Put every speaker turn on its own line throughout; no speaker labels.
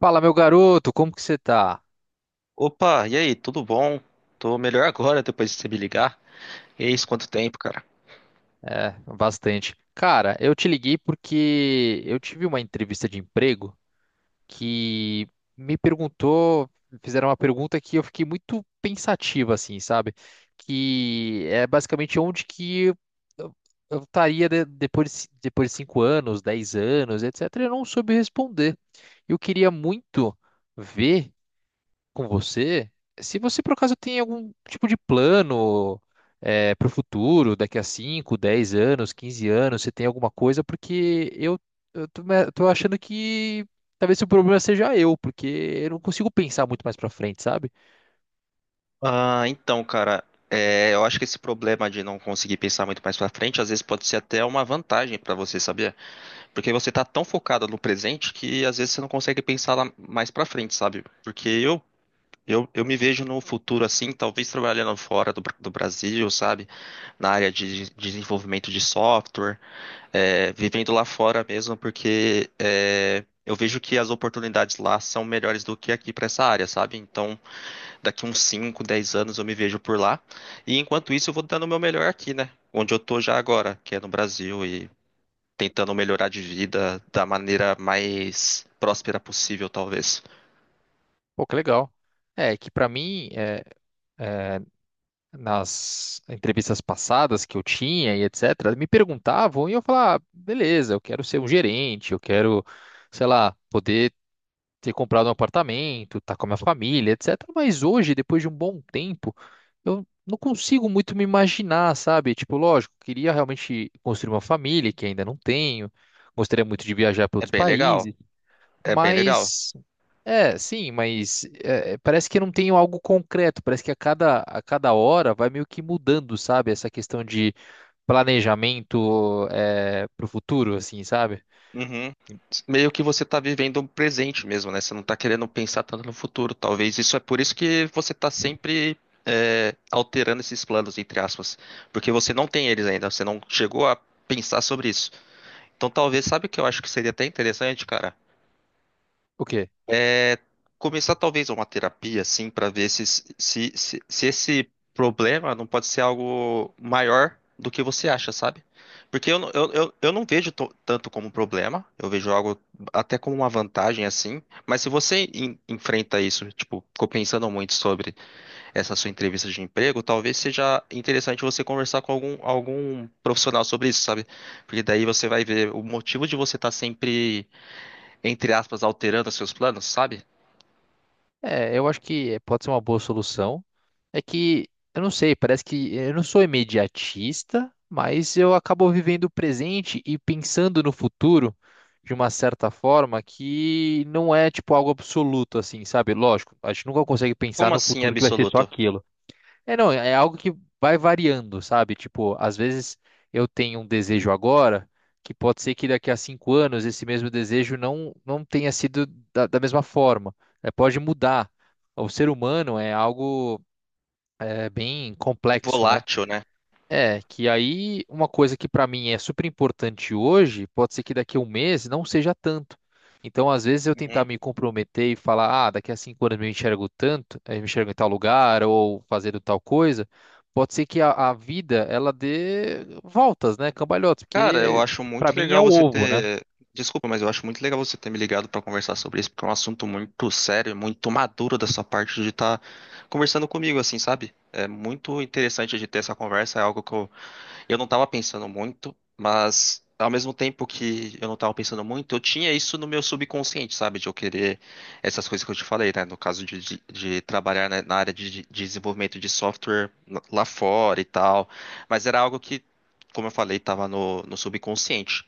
Fala, meu garoto, como que você tá?
Opa, e aí, tudo bom? Tô melhor agora depois de você me ligar. Eis quanto tempo, cara?
É, bastante. Cara, eu te liguei porque eu tive uma entrevista de emprego que me perguntou, fizeram uma pergunta que eu fiquei muito pensativa, assim, sabe? Que é basicamente onde que eu estaria, depois de 5 anos, 10 anos, etc. Eu não soube responder. Eu queria muito ver com você, se você por acaso tem algum tipo de plano para o futuro, daqui a 5 10 anos, 15 anos, você tem alguma coisa, porque eu tô achando que talvez o problema seja eu, porque eu não consigo pensar muito mais para frente, sabe?
Ah, então, cara, eu acho que esse problema de não conseguir pensar muito mais pra frente, às vezes pode ser até uma vantagem pra você, sabia? Porque você tá tão focado no presente que às vezes você não consegue pensar lá mais pra frente, sabe? Porque eu me vejo no futuro assim, talvez trabalhando fora do, do Brasil, sabe? Na área de desenvolvimento de software. Vivendo lá fora mesmo, porque eu vejo que as oportunidades lá são melhores do que aqui para essa área, sabe? Então, daqui uns 5 10 anos eu me vejo por lá. E enquanto isso, eu vou dando o meu melhor aqui, né? Onde eu tô já agora, que é no Brasil, e tentando melhorar de vida da maneira mais próspera possível, talvez.
Pô, que legal. É, que para mim, é, nas entrevistas passadas que eu tinha e etc., me perguntavam e eu falava, ah, beleza, eu quero ser um gerente, eu quero, sei lá, poder ter comprado um apartamento, tá com a minha família, etc. Mas hoje, depois de um bom tempo, eu não consigo muito me imaginar, sabe? Tipo, lógico, queria realmente construir uma família, que ainda não tenho. Gostaria muito de viajar para
É
outros
bem legal.
países.
É bem legal.
Mas, é, sim, mas parece que eu não tenho algo concreto. Parece que a cada hora vai meio que mudando, sabe? Essa questão de planejamento, para o futuro, assim, sabe?
Uhum. Meio que você tá vivendo um presente mesmo, né? Você não tá querendo pensar tanto no futuro. Talvez isso é por isso que você tá sempre alterando esses planos, entre aspas. Porque você não tem eles ainda, você não chegou a pensar sobre isso. Então talvez, sabe o que eu acho que seria até interessante, cara?
O quê?
É, Começar talvez uma terapia, assim, para ver se esse problema não pode ser algo maior do que você acha, sabe? Porque eu não vejo tanto como um problema, eu vejo algo até como uma vantagem, assim, mas se você enfrenta isso, tipo, ficou pensando muito sobre essa sua entrevista de emprego, talvez seja interessante você conversar com algum profissional sobre isso, sabe? Porque daí você vai ver o motivo de você estar sempre, entre aspas, alterando os seus planos, sabe?
É, eu acho que pode ser uma boa solução. É que, eu não sei, parece que eu não sou imediatista, mas eu acabo vivendo o presente e pensando no futuro de uma certa forma que não é tipo algo absoluto, assim, sabe? Lógico, a gente nunca consegue pensar
Como
no
assim
futuro que vai ser só
absoluto?
aquilo. É, não, é algo que vai variando, sabe? Tipo, às vezes eu tenho um desejo agora, que pode ser que daqui a 5 anos esse mesmo desejo não tenha sido da mesma forma. É, pode mudar. O ser humano é algo bem complexo, né?
Volátil, né?
É, que aí uma coisa que pra mim é super importante hoje, pode ser que daqui a um mês não seja tanto. Então, às vezes eu tentar
Uhum.
me comprometer e falar, ah, daqui a 5 anos eu me enxergo tanto, me enxergo em tal lugar ou fazendo tal coisa, pode ser que a vida ela dê voltas, né, cambalhotas,
Cara, eu
porque
acho
pra
muito
mim é
legal
o
você
ovo, né?
ter. Desculpa, mas eu acho muito legal você ter me ligado pra conversar sobre isso, porque é um assunto muito sério, e muito maduro da sua parte de estar conversando comigo, assim, sabe? É muito interessante de ter essa conversa, é algo que eu não tava pensando muito, mas ao mesmo tempo que eu não tava pensando muito, eu tinha isso no meu subconsciente, sabe? De eu querer essas coisas que eu te falei, né? No caso de trabalhar na área de desenvolvimento de software lá fora e tal. Mas era algo que, como eu falei, tava no subconsciente.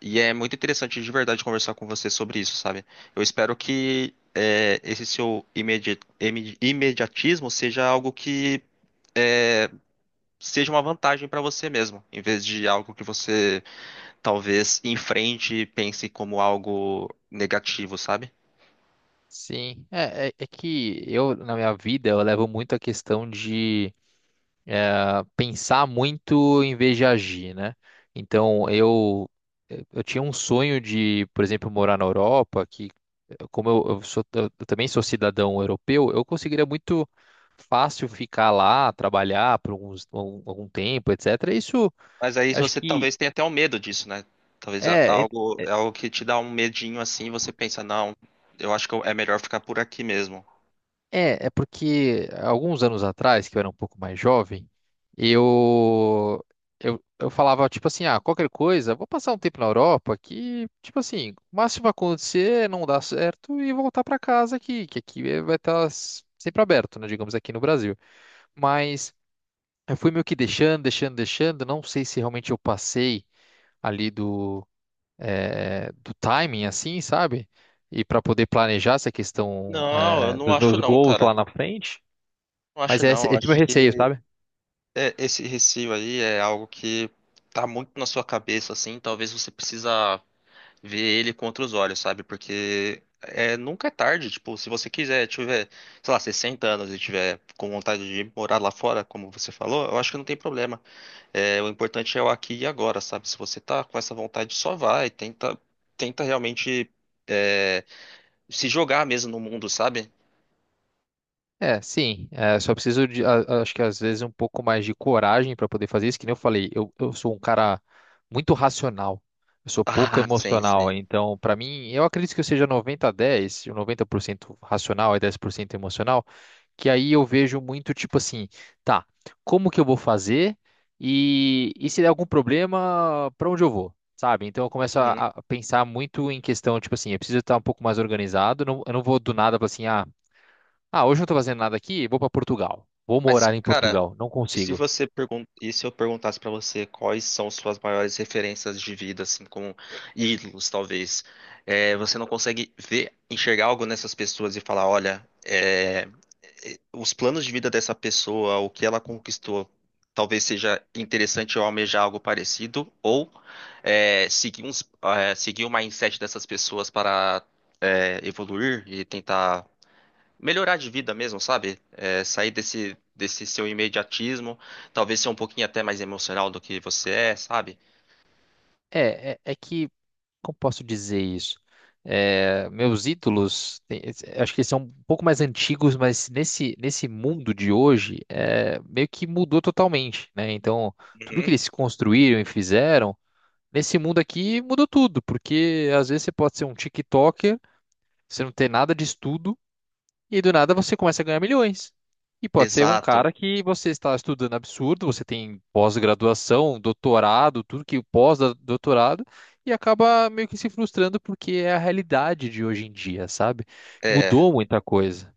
E é muito interessante de verdade conversar com você sobre isso, sabe? Eu espero que. Esse seu imediatismo seja algo que seja uma vantagem para você mesmo, em vez de algo que você talvez enfrente e pense como algo negativo, sabe?
Sim, é que eu na minha vida eu levo muito a questão de pensar muito em vez de agir, né? Então, eu tinha um sonho de, por exemplo, morar na Europa, que, como eu também sou cidadão europeu, eu conseguiria muito fácil ficar lá, trabalhar por algum tempo, etc. Isso,
Mas aí
acho
você
que
talvez tenha até um medo disso, né? Talvez
é.
algo é algo que te dá um medinho assim, e você pensa, não, eu acho que é melhor ficar por aqui mesmo.
É, é porque alguns anos atrás, que eu era um pouco mais jovem, eu, eu falava, tipo assim, ah, qualquer coisa, vou passar um tempo na Europa que, tipo assim, o máximo que vai acontecer é não dar certo e voltar para casa aqui, que aqui, vai estar sempre aberto, né, digamos, aqui no Brasil. Mas eu fui meio que deixando, deixando, deixando, não sei se realmente eu passei ali do timing, assim, sabe? E para poder planejar essa questão,
Não, eu não
dos
acho
meus
não,
goals
cara.
lá na frente.
Não
Mas
acho
esse,
não. Eu
esse é o
acho
meu receio,
que
sabe?
esse receio aí é algo que tá muito na sua cabeça, assim. Talvez você precisa ver ele contra os olhos, sabe? Porque é, nunca é tarde, tipo, se você quiser, tiver, sei lá, 60 anos e tiver com vontade de morar lá fora, como você falou, eu acho que não tem problema. É, o importante é o aqui e agora, sabe? Se você tá com essa vontade, só vai, tenta, tenta realmente é, se jogar mesmo no mundo, sabe?
É, sim. É, só preciso de, acho que às vezes um pouco mais de coragem para poder fazer isso. Que nem eu falei, eu sou um cara muito racional. Eu sou pouco
Ah, sim,
emocional.
sim.
Então, para mim, eu acredito que eu seja 90 a dez, ou 90% racional e 10% emocional. Que aí eu vejo muito tipo assim, tá, como que eu vou fazer? E, se der algum problema, para onde eu vou? Sabe? Então eu começo a,
Uhum.
a pensar muito em questão, tipo assim, eu preciso estar um pouco mais organizado. Eu não vou do nada, falar assim, ah. Ah, hoje eu não tô fazendo nada aqui, vou pra Portugal. Vou
Mas,
morar em
cara,
Portugal, não
e se
consigo.
você pergun e se eu perguntasse pra você quais são suas maiores referências de vida, assim, como ídolos, talvez, é, você não consegue ver, enxergar algo nessas pessoas e falar, olha, os planos de vida dessa pessoa, o que ela conquistou, talvez seja interessante eu almejar algo parecido, ou seguir seguir o mindset dessas pessoas para evoluir e tentar melhorar de vida mesmo, sabe? É, sair desse seu imediatismo, talvez ser um pouquinho até mais emocional do que você é, sabe?
É que, como posso dizer isso? É, meus ídolos, acho que eles são um pouco mais antigos, mas nesse mundo de hoje, meio que mudou totalmente, né? Então, tudo que
Uhum.
eles construíram e fizeram, nesse mundo aqui mudou tudo, porque às vezes você pode ser um TikToker, você não ter nada de estudo, e do nada você começa a ganhar milhões. E pode ser um
Exato.
cara que você está estudando absurdo, você tem pós-graduação, doutorado, tudo que pós-doutorado, e acaba meio que se frustrando porque é a realidade de hoje em dia, sabe?
É,
Mudou muita coisa.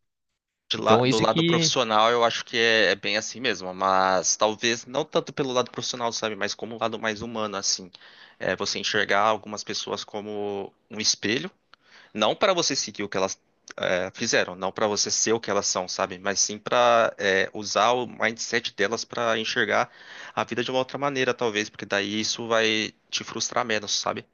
de
Então,
do
isso
lado
que
profissional eu acho que é bem assim mesmo, mas talvez não tanto pelo lado profissional, sabe? Mas como o lado mais humano, assim. É, você enxergar algumas pessoas como um espelho. Não para você seguir o que elas fizeram, não para você ser o que elas são, sabe? Mas sim para usar o mindset delas para enxergar a vida de uma outra maneira, talvez, porque daí isso vai te frustrar menos, sabe?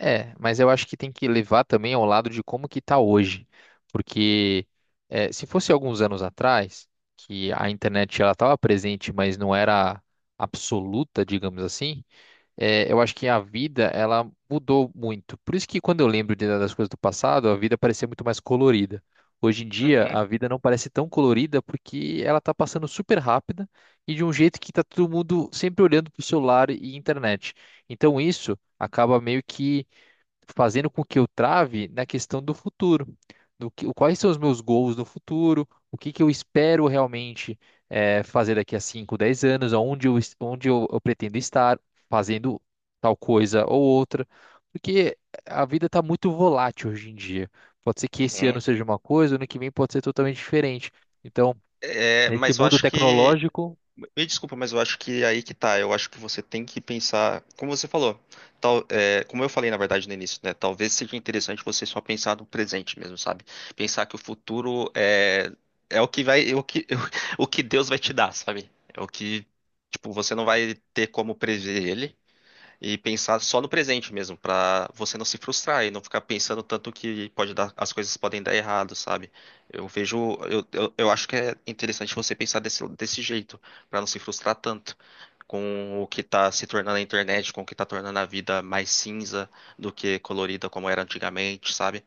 é, mas eu acho que tem que levar também ao lado de como que tá hoje. Porque, se fosse alguns anos atrás, que a internet ela estava presente, mas não era absoluta, digamos assim. Eu acho que a vida, ela mudou muito. Por isso que quando eu lembro das coisas do passado, a vida parecia muito mais colorida. Hoje em dia,
Uhum,
a vida não parece tão colorida porque ela tá passando super rápida e de um jeito que tá todo mundo sempre olhando pro celular e internet. Então isso acaba meio que fazendo com que eu trave na questão do futuro, do que, quais são os meus goals no futuro, o que que eu espero realmente, fazer daqui a 5, 10 anos, onde eu pretendo estar fazendo tal coisa ou outra, porque a vida está muito volátil hoje em dia. Pode ser que esse
uhum.
ano seja uma coisa, ano que vem pode ser totalmente diferente. Então,
É,
nesse
mas eu
mundo
acho que
tecnológico.
me desculpa, mas eu acho que é aí que tá. Eu acho que você tem que pensar, como você falou, tal, é, como eu falei na verdade no início, né? Talvez seja interessante você só pensar no presente mesmo, sabe? Pensar que o futuro é o que vai, é o que, o que Deus vai te dar, sabe? É o que, tipo, você não vai ter como prever ele. E pensar só no presente mesmo, pra você não se frustrar e não ficar pensando tanto que pode dar, as coisas podem dar errado, sabe? Eu vejo, eu acho que é interessante você pensar desse jeito, pra não se frustrar tanto com o que tá se tornando a internet, com o que tá tornando a vida mais cinza do que colorida como era antigamente, sabe?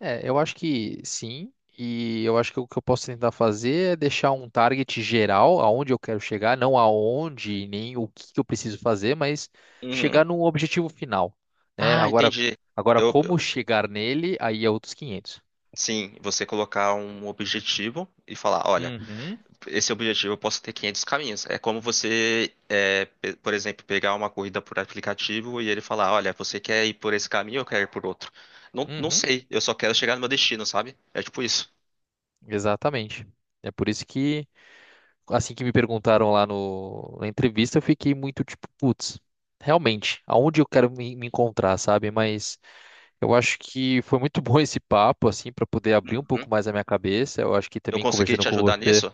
É, eu acho que sim, e eu acho que o que eu posso tentar fazer é deixar um target geral, aonde eu quero chegar, não aonde, nem o que que eu preciso fazer, mas
Uhum.
chegar num objetivo final, né?
Ah,
Agora,
entendi.
agora
Eu, eu-
como chegar nele, aí é outros 500.
sim, você colocar um objetivo e falar, olha,
Uhum,
esse objetivo eu posso ter 500 caminhos. É como você, por exemplo, pegar uma corrida por aplicativo e ele falar, olha, você quer ir por esse caminho ou quer ir por outro? Não, não
uhum,
sei, eu só quero chegar no meu destino, sabe? É tipo isso.
exatamente. É por isso que, assim que me perguntaram lá no, na entrevista, eu fiquei muito tipo, putz, realmente, aonde eu quero me encontrar, sabe? Mas eu acho que foi muito bom esse papo, assim, para poder abrir um
Uhum.
pouco mais a minha cabeça. Eu acho que
Eu
também
consegui
conversando
te
com
ajudar
você,
nisso?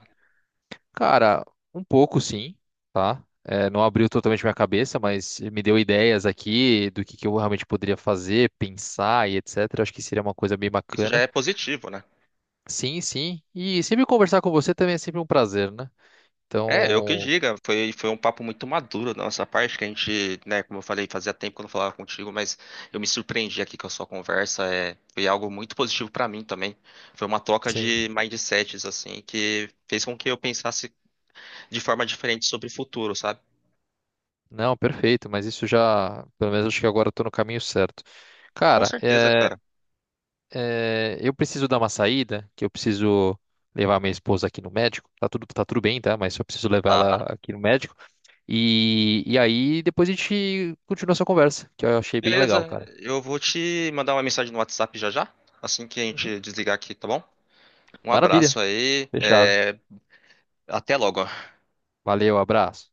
cara, um pouco sim, tá? É, não abriu totalmente minha cabeça, mas me deu ideias aqui do que eu realmente poderia fazer, pensar e etc. Acho que seria uma coisa bem
Isso já
bacana.
é positivo, né?
Sim, sim. E sempre conversar com você também é sempre um prazer, né?
É, eu que
Então,
diga, foi um papo muito maduro da nossa parte, que a gente, né, como eu falei, fazia tempo que eu não falava contigo, mas eu me surpreendi aqui com a sua conversa, é, foi algo muito positivo pra mim também. Foi uma troca de
sim.
mindsets, assim, que fez com que eu pensasse de forma diferente sobre o futuro, sabe?
Não, perfeito, mas isso já, pelo menos acho que agora eu tô no caminho certo.
Com
Cara,
certeza,
é.
cara.
É, eu preciso dar uma saída, que eu preciso levar minha esposa aqui no médico. Tá tudo bem, tá? Mas só preciso levar ela
Tá.
aqui no médico. E, aí depois a gente continua essa conversa, que eu achei bem legal,
Beleza,
cara.
eu vou te mandar uma mensagem no WhatsApp já já, assim que a
Uhum.
gente desligar aqui, tá bom? Um
Maravilha.
abraço aí,
Fechado.
é, até logo.
Valeu, abraço.